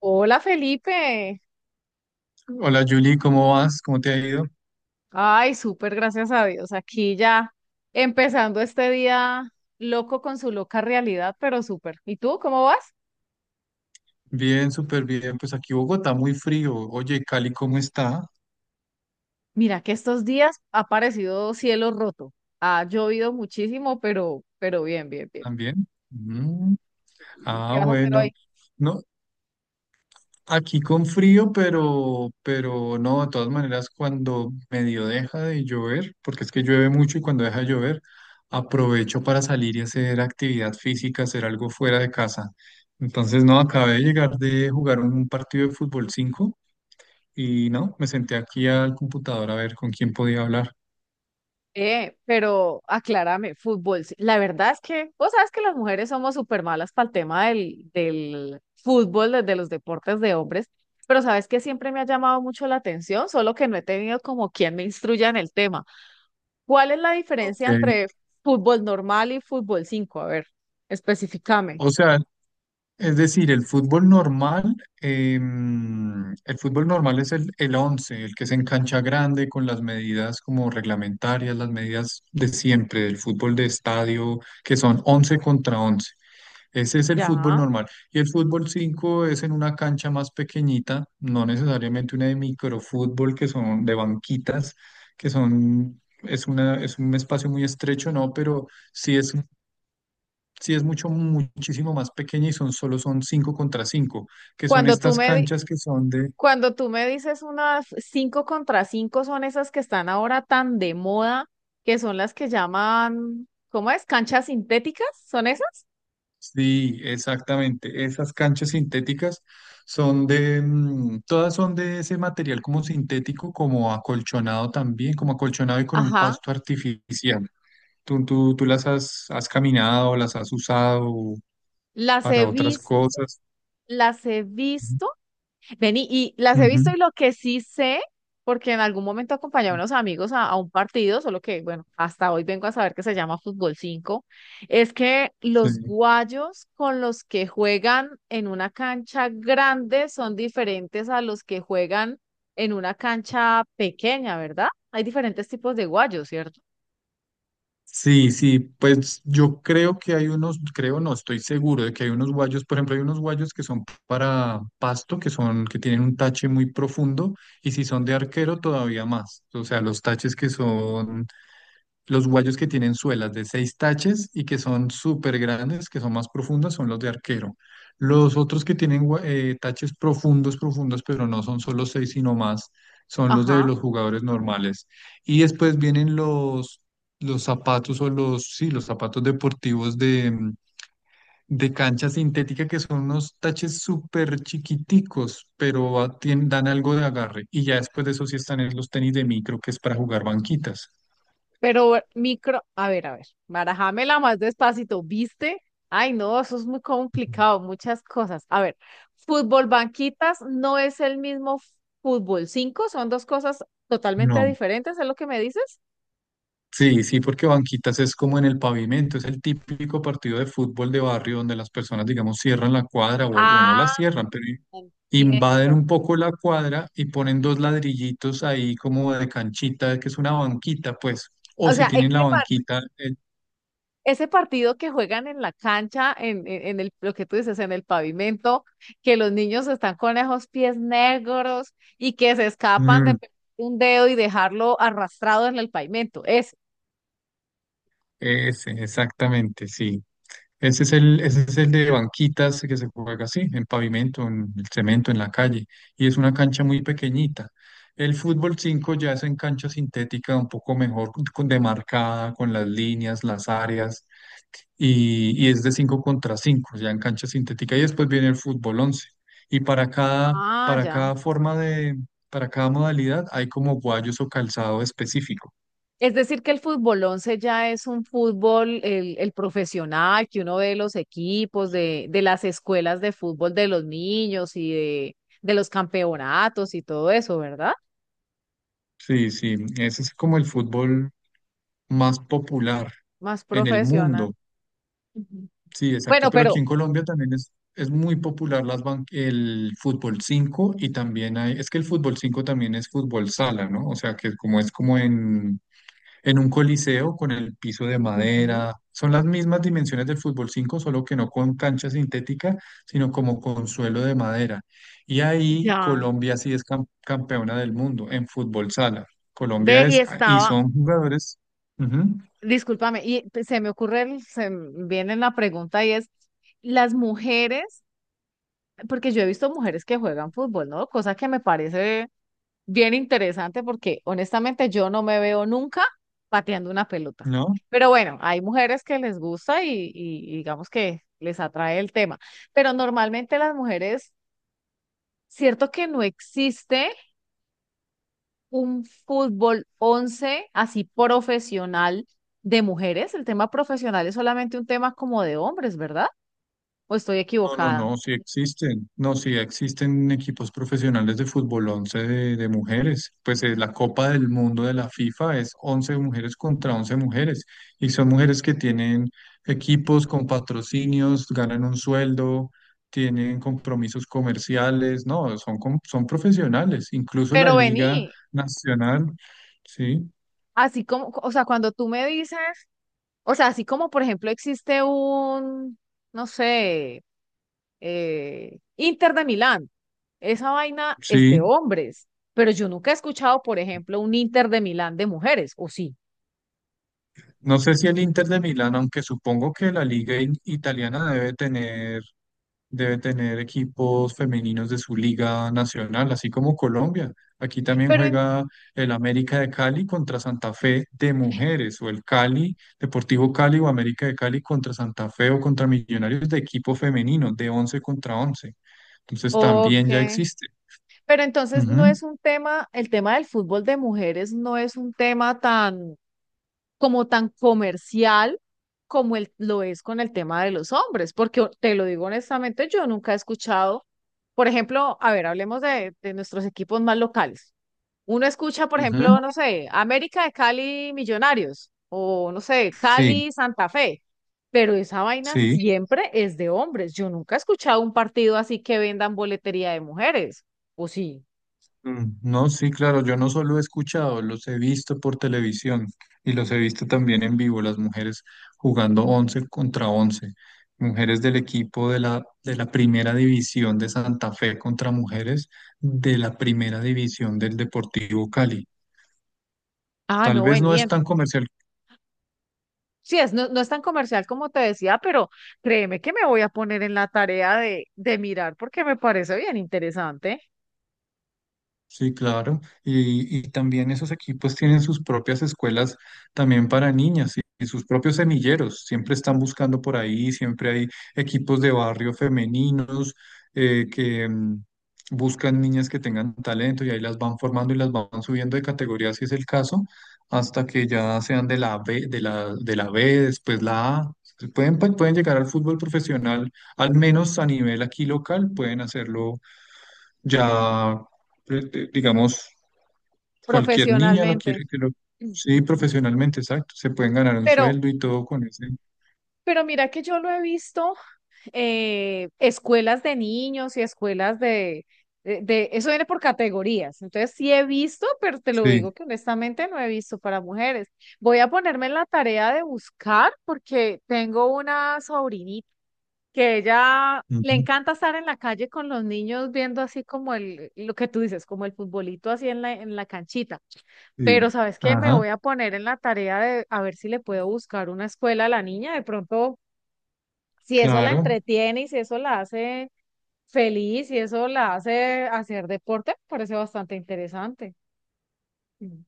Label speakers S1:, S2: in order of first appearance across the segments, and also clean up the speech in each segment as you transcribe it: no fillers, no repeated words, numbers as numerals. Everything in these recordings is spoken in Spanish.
S1: Hola Felipe.
S2: Hola Julie, ¿cómo vas? ¿Cómo te ha ido?
S1: Ay, súper, gracias a Dios. Aquí ya empezando este día loco con su loca realidad, pero súper. ¿Y tú cómo vas?
S2: Bien, súper bien. Pues aquí Bogotá muy frío. Oye, Cali, ¿cómo está?
S1: Mira que estos días ha aparecido cielo roto. Ha llovido muchísimo, pero bien, bien, bien.
S2: ¿También? Mm.
S1: ¿Y qué
S2: Ah,
S1: vas a hacer
S2: bueno.
S1: hoy?
S2: No, aquí con frío, pero no, de todas maneras, cuando medio deja de llover, porque es que llueve mucho y cuando deja de llover, aprovecho para salir y hacer actividad física, hacer algo fuera de casa. Entonces, no, acabé de llegar de jugar un partido de fútbol 5 y no, me senté aquí al computador a ver con quién podía hablar.
S1: Pero aclárame, fútbol. Sí. La verdad es que vos sabes que las mujeres somos súper malas para el tema del fútbol, de los deportes de hombres, pero sabes que siempre me ha llamado mucho la atención, solo que no he tenido como quien me instruya en el tema. ¿Cuál es la
S2: Ok,
S1: diferencia entre fútbol normal y fútbol 5? A ver, especificame.
S2: o sea, es decir, el fútbol normal, el fútbol normal es el 11, el que se en cancha grande con las medidas como reglamentarias, las medidas de siempre, del fútbol de estadio, que son 11 contra 11. Ese es el fútbol
S1: Ya.
S2: normal. Y el fútbol 5 es en una cancha más pequeñita, no necesariamente una de microfútbol, que son de banquitas, es una, es un espacio muy estrecho, no, pero sí es sí, es mucho, muchísimo más pequeña y son solo son 5 contra 5 que son
S1: Cuando tú
S2: estas
S1: me, di-
S2: canchas que son de,
S1: Cuando tú me dices unas cinco contra cinco son esas que están ahora tan de moda, que son las que llaman, ¿cómo es? ¿Canchas sintéticas? ¿Son esas?
S2: sí, exactamente, esas canchas sintéticas son de, todas son de ese material como sintético, como acolchonado también, como acolchonado y con un
S1: Ajá.
S2: pasto artificial. ¿Tú las has, has caminado, ¿las has usado
S1: Las
S2: para
S1: he
S2: otras
S1: visto,
S2: cosas?
S1: las he visto. Vení, y las he visto
S2: Ujú,
S1: y lo que sí sé, porque en algún momento acompañé a
S2: ujú,
S1: unos amigos a un partido, solo que, bueno, hasta hoy vengo a saber que se llama fútbol 5. Es que
S2: sí.
S1: los guayos con los que juegan en una cancha grande son diferentes a los que juegan en una cancha pequeña, ¿verdad? Hay diferentes tipos de guayos, ¿cierto?
S2: Sí, sí, pues yo creo que hay unos, creo no, estoy seguro de que hay unos guayos, por ejemplo, hay unos guayos que son para pasto, que tienen un tache muy profundo, y si son de arquero, todavía más. O sea, los taches que son los guayos que tienen suelas de seis taches y que son súper grandes, que son más profundas, son los de arquero. Los otros que tienen taches profundos, profundos, pero no son solo seis, sino más, son los de
S1: Ajá.
S2: los jugadores normales. Y después vienen los zapatos o los, sí, los zapatos deportivos de, de cancha sintética, que son unos taches súper chiquiticos, pero dan algo de agarre. Y ya después de eso sí están en los tenis de micro, que es para jugar banquitas.
S1: Pero micro, a ver, barajámela más despacito, ¿viste? Ay, no, eso es muy complicado, muchas cosas. A ver, fútbol banquitas no es el mismo fútbol 5 son dos cosas totalmente
S2: No.
S1: diferentes, ¿es lo que me dices?
S2: Sí, sí, porque banquitas es como en el pavimento, es el típico partido de fútbol de barrio donde las personas, digamos, cierran la cuadra o no la
S1: Ah,
S2: cierran, pero
S1: viendo.
S2: invaden un poco la cuadra y ponen dos ladrillitos ahí como de canchita, que es una banquita, pues, o
S1: O
S2: si
S1: sea,
S2: tienen
S1: ese,
S2: la
S1: par-
S2: banquita,
S1: Ese partido que juegan en la cancha, en el, lo que tú dices, en el pavimento, que los niños están con esos pies negros y que se escapan de
S2: mm,
S1: un dedo y dejarlo arrastrado en el pavimento.
S2: ese, exactamente, sí. Ese es el de banquitas que se juega así, en pavimento, en el cemento, en la calle, y es una cancha muy pequeñita. El fútbol 5 ya es en cancha sintética, un poco mejor demarcada, con las líneas, las áreas, y es de 5 contra 5 ya en cancha sintética, y después viene el fútbol once. Y
S1: Ah,
S2: para
S1: ya.
S2: cada forma de, para cada modalidad hay como guayos o calzado específico.
S1: Es decir, que el fútbol 11 ya es un fútbol, el profesional, que uno ve los equipos de las escuelas de fútbol de los niños y de los campeonatos y todo eso, ¿verdad?
S2: Sí, sí, ese es como el fútbol más popular
S1: Más
S2: en el
S1: profesional.
S2: mundo.
S1: Ujú.
S2: Sí, exacto.
S1: Bueno,
S2: Pero aquí
S1: pero
S2: en Colombia también es muy popular las el fútbol 5 y también hay, es que el fútbol 5 también es fútbol sala, ¿no? O sea, que como es como en un coliseo con el piso de
S1: ujú,
S2: madera. Son las mismas dimensiones del fútbol 5 solo que no con cancha sintética, sino como con suelo de madera. Y ahí
S1: ya.
S2: Colombia sí es campeona del mundo en fútbol sala. Colombia
S1: Ve y
S2: es, y
S1: estaba,
S2: son jugadores, ujú,
S1: discúlpame, y se me ocurre, se me viene la pregunta y es, las mujeres, porque yo he visto mujeres que juegan fútbol, ¿no? Cosa que me parece bien interesante porque honestamente yo no me veo nunca pateando una pelota.
S2: ¿no?
S1: Pero bueno, hay mujeres que les gusta y digamos que les atrae el tema. Pero normalmente las mujeres, cierto que no existe un fútbol 11 así profesional de mujeres. El tema profesional es solamente un tema como de hombres, ¿verdad? ¿O estoy
S2: No, no,
S1: equivocada?
S2: no, sí existen, no, sí existen equipos profesionales de fútbol 11 de mujeres. Pues la Copa del Mundo de la FIFA es 11 mujeres contra 11 mujeres y son mujeres que tienen equipos con patrocinios, ganan un sueldo, tienen compromisos comerciales, no, son, son profesionales, incluso la
S1: Pero
S2: Liga
S1: vení,
S2: Nacional, sí,
S1: así como, o sea, cuando tú me dices, o sea, así como por ejemplo existe un no sé, Inter de Milán. Esa vaina es de
S2: sí.
S1: hombres, pero yo nunca he escuchado, por ejemplo, un Inter de Milán de mujeres, o sí.
S2: No sé si el Inter de Milán, aunque supongo que la Liga italiana debe tener, debe tener equipos femeninos de su liga nacional, así como Colombia. Aquí también
S1: Pero en-
S2: juega el América de Cali contra Santa Fe de mujeres, o el Cali, Deportivo Cali o América de Cali contra Santa Fe o contra Millonarios de equipo femenino, de 11 contra 11. Entonces
S1: ok,
S2: también ya existe.
S1: pero entonces no
S2: Ujú,
S1: es un tema, el tema del fútbol de mujeres no es un tema tan como tan comercial como el, lo es con el tema de los hombres, porque te lo digo honestamente, yo nunca he escuchado, por ejemplo, a ver, hablemos de nuestros equipos más locales. Uno escucha, por
S2: ujú.
S1: ejemplo, no sé, América de Cali Millonarios o no sé,
S2: Sí,
S1: Cali Santa Fe, pero esa vaina
S2: sí.
S1: siempre es de hombres. Yo nunca he escuchado un partido así que vendan boletería de mujeres. ¿O sí?
S2: Mm, no, sí, claro, yo no solo he escuchado, los he visto por televisión y los he visto también en vivo, las mujeres jugando 11 contra 11, mujeres del equipo de la primera división de Santa Fe contra mujeres de la primera división del Deportivo Cali.
S1: Ah,
S2: Tal
S1: no
S2: vez no es
S1: venían.
S2: tan comercial.
S1: Sí, es, no, no es tan comercial como te decía, pero créeme que me voy a poner en la tarea de mirar porque me parece bien interesante
S2: Sí, claro. Y también esos equipos tienen sus propias escuelas también para niñas y sus propios semilleros. Siempre están buscando por ahí, siempre hay equipos de barrio femeninos que buscan niñas que tengan talento y ahí las van formando y las van subiendo de categoría, si es el caso, hasta que ya sean de la B, de de la B, después la A. Pueden, pueden llegar al fútbol profesional, al menos a nivel aquí local, pueden hacerlo ya, digamos, cualquier niña lo quiere
S1: profesionalmente.
S2: que lo...
S1: Ujú.
S2: Sí, profesionalmente, exacto. Se pueden ganar un
S1: Pero,
S2: sueldo y todo con ese.
S1: pero mira que yo lo he visto escuelas de niños y escuelas de, eso viene por categorías. Entonces sí he visto, pero te lo digo
S2: Sí.
S1: que honestamente no he visto para mujeres. Voy a ponerme en la tarea de buscar porque tengo una sobrinita que ella le
S2: Ujú,
S1: encanta estar en la calle con los niños viendo así como el, lo que tú dices, como el futbolito así en la canchita.
S2: sí.
S1: Pero ¿sabes qué? Me
S2: Ajá,
S1: voy a poner en la tarea de a ver si le puedo buscar una escuela a la niña. De pronto si eso la
S2: claro.
S1: entretiene y si eso la hace feliz, si eso la hace hacer deporte, me parece bastante interesante. Mm.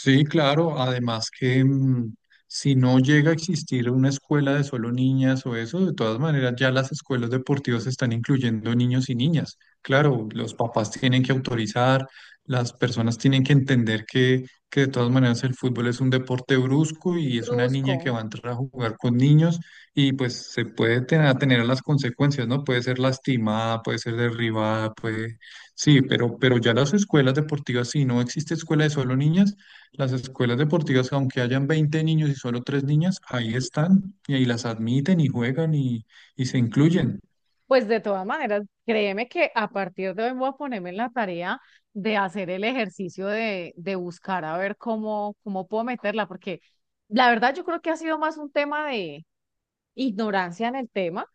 S2: Sí, claro. Además que si no llega a existir una escuela de solo niñas o eso, de todas maneras ya las escuelas deportivas están incluyendo niños y niñas. Claro, los papás tienen que autorizar, las personas tienen que entender que de todas maneras el fútbol es un deporte brusco y es una niña que
S1: Brusco.
S2: va a entrar a jugar con niños y pues se puede tener, atener a las consecuencias, ¿no? Puede ser lastimada, puede ser derribada, puede... Sí, pero ya las escuelas deportivas, si no existe escuela de solo niñas, las escuelas deportivas, aunque hayan 20 niños y solo 3 niñas, ahí están y ahí las admiten y juegan y se incluyen.
S1: Pues de todas maneras, créeme que a partir de hoy voy a ponerme en la tarea de hacer el ejercicio de buscar a ver cómo, cómo puedo meterla, porque la verdad yo creo que ha sido más un tema de ignorancia en el tema.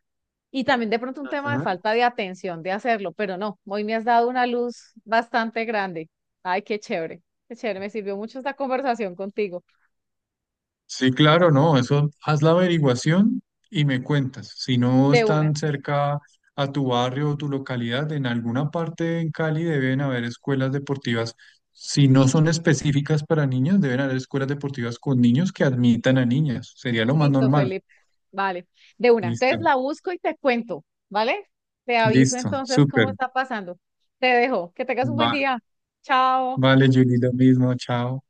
S1: Y también de pronto un tema de
S2: Ujú.
S1: falta de atención de hacerlo, pero no, hoy me has dado una luz bastante grande. Ay, qué chévere, me sirvió mucho esta conversación contigo.
S2: Sí, claro, no, eso haz la averiguación y me cuentas. Si no
S1: De una.
S2: están cerca a tu barrio o tu localidad, en alguna parte en Cali deben haber escuelas deportivas. Si no son específicas para niños, deben haber escuelas deportivas con niños que admitan a niñas. Sería lo más
S1: Listo,
S2: normal.
S1: Felipe. Vale, de una. Entonces
S2: Listo,
S1: la busco y te cuento, ¿vale? Te aviso
S2: listo,
S1: entonces cómo
S2: súper.
S1: está pasando. Te dejo, que tengas un
S2: Va,
S1: buen día. Chao.
S2: vale, Julie, lo mismo, chao.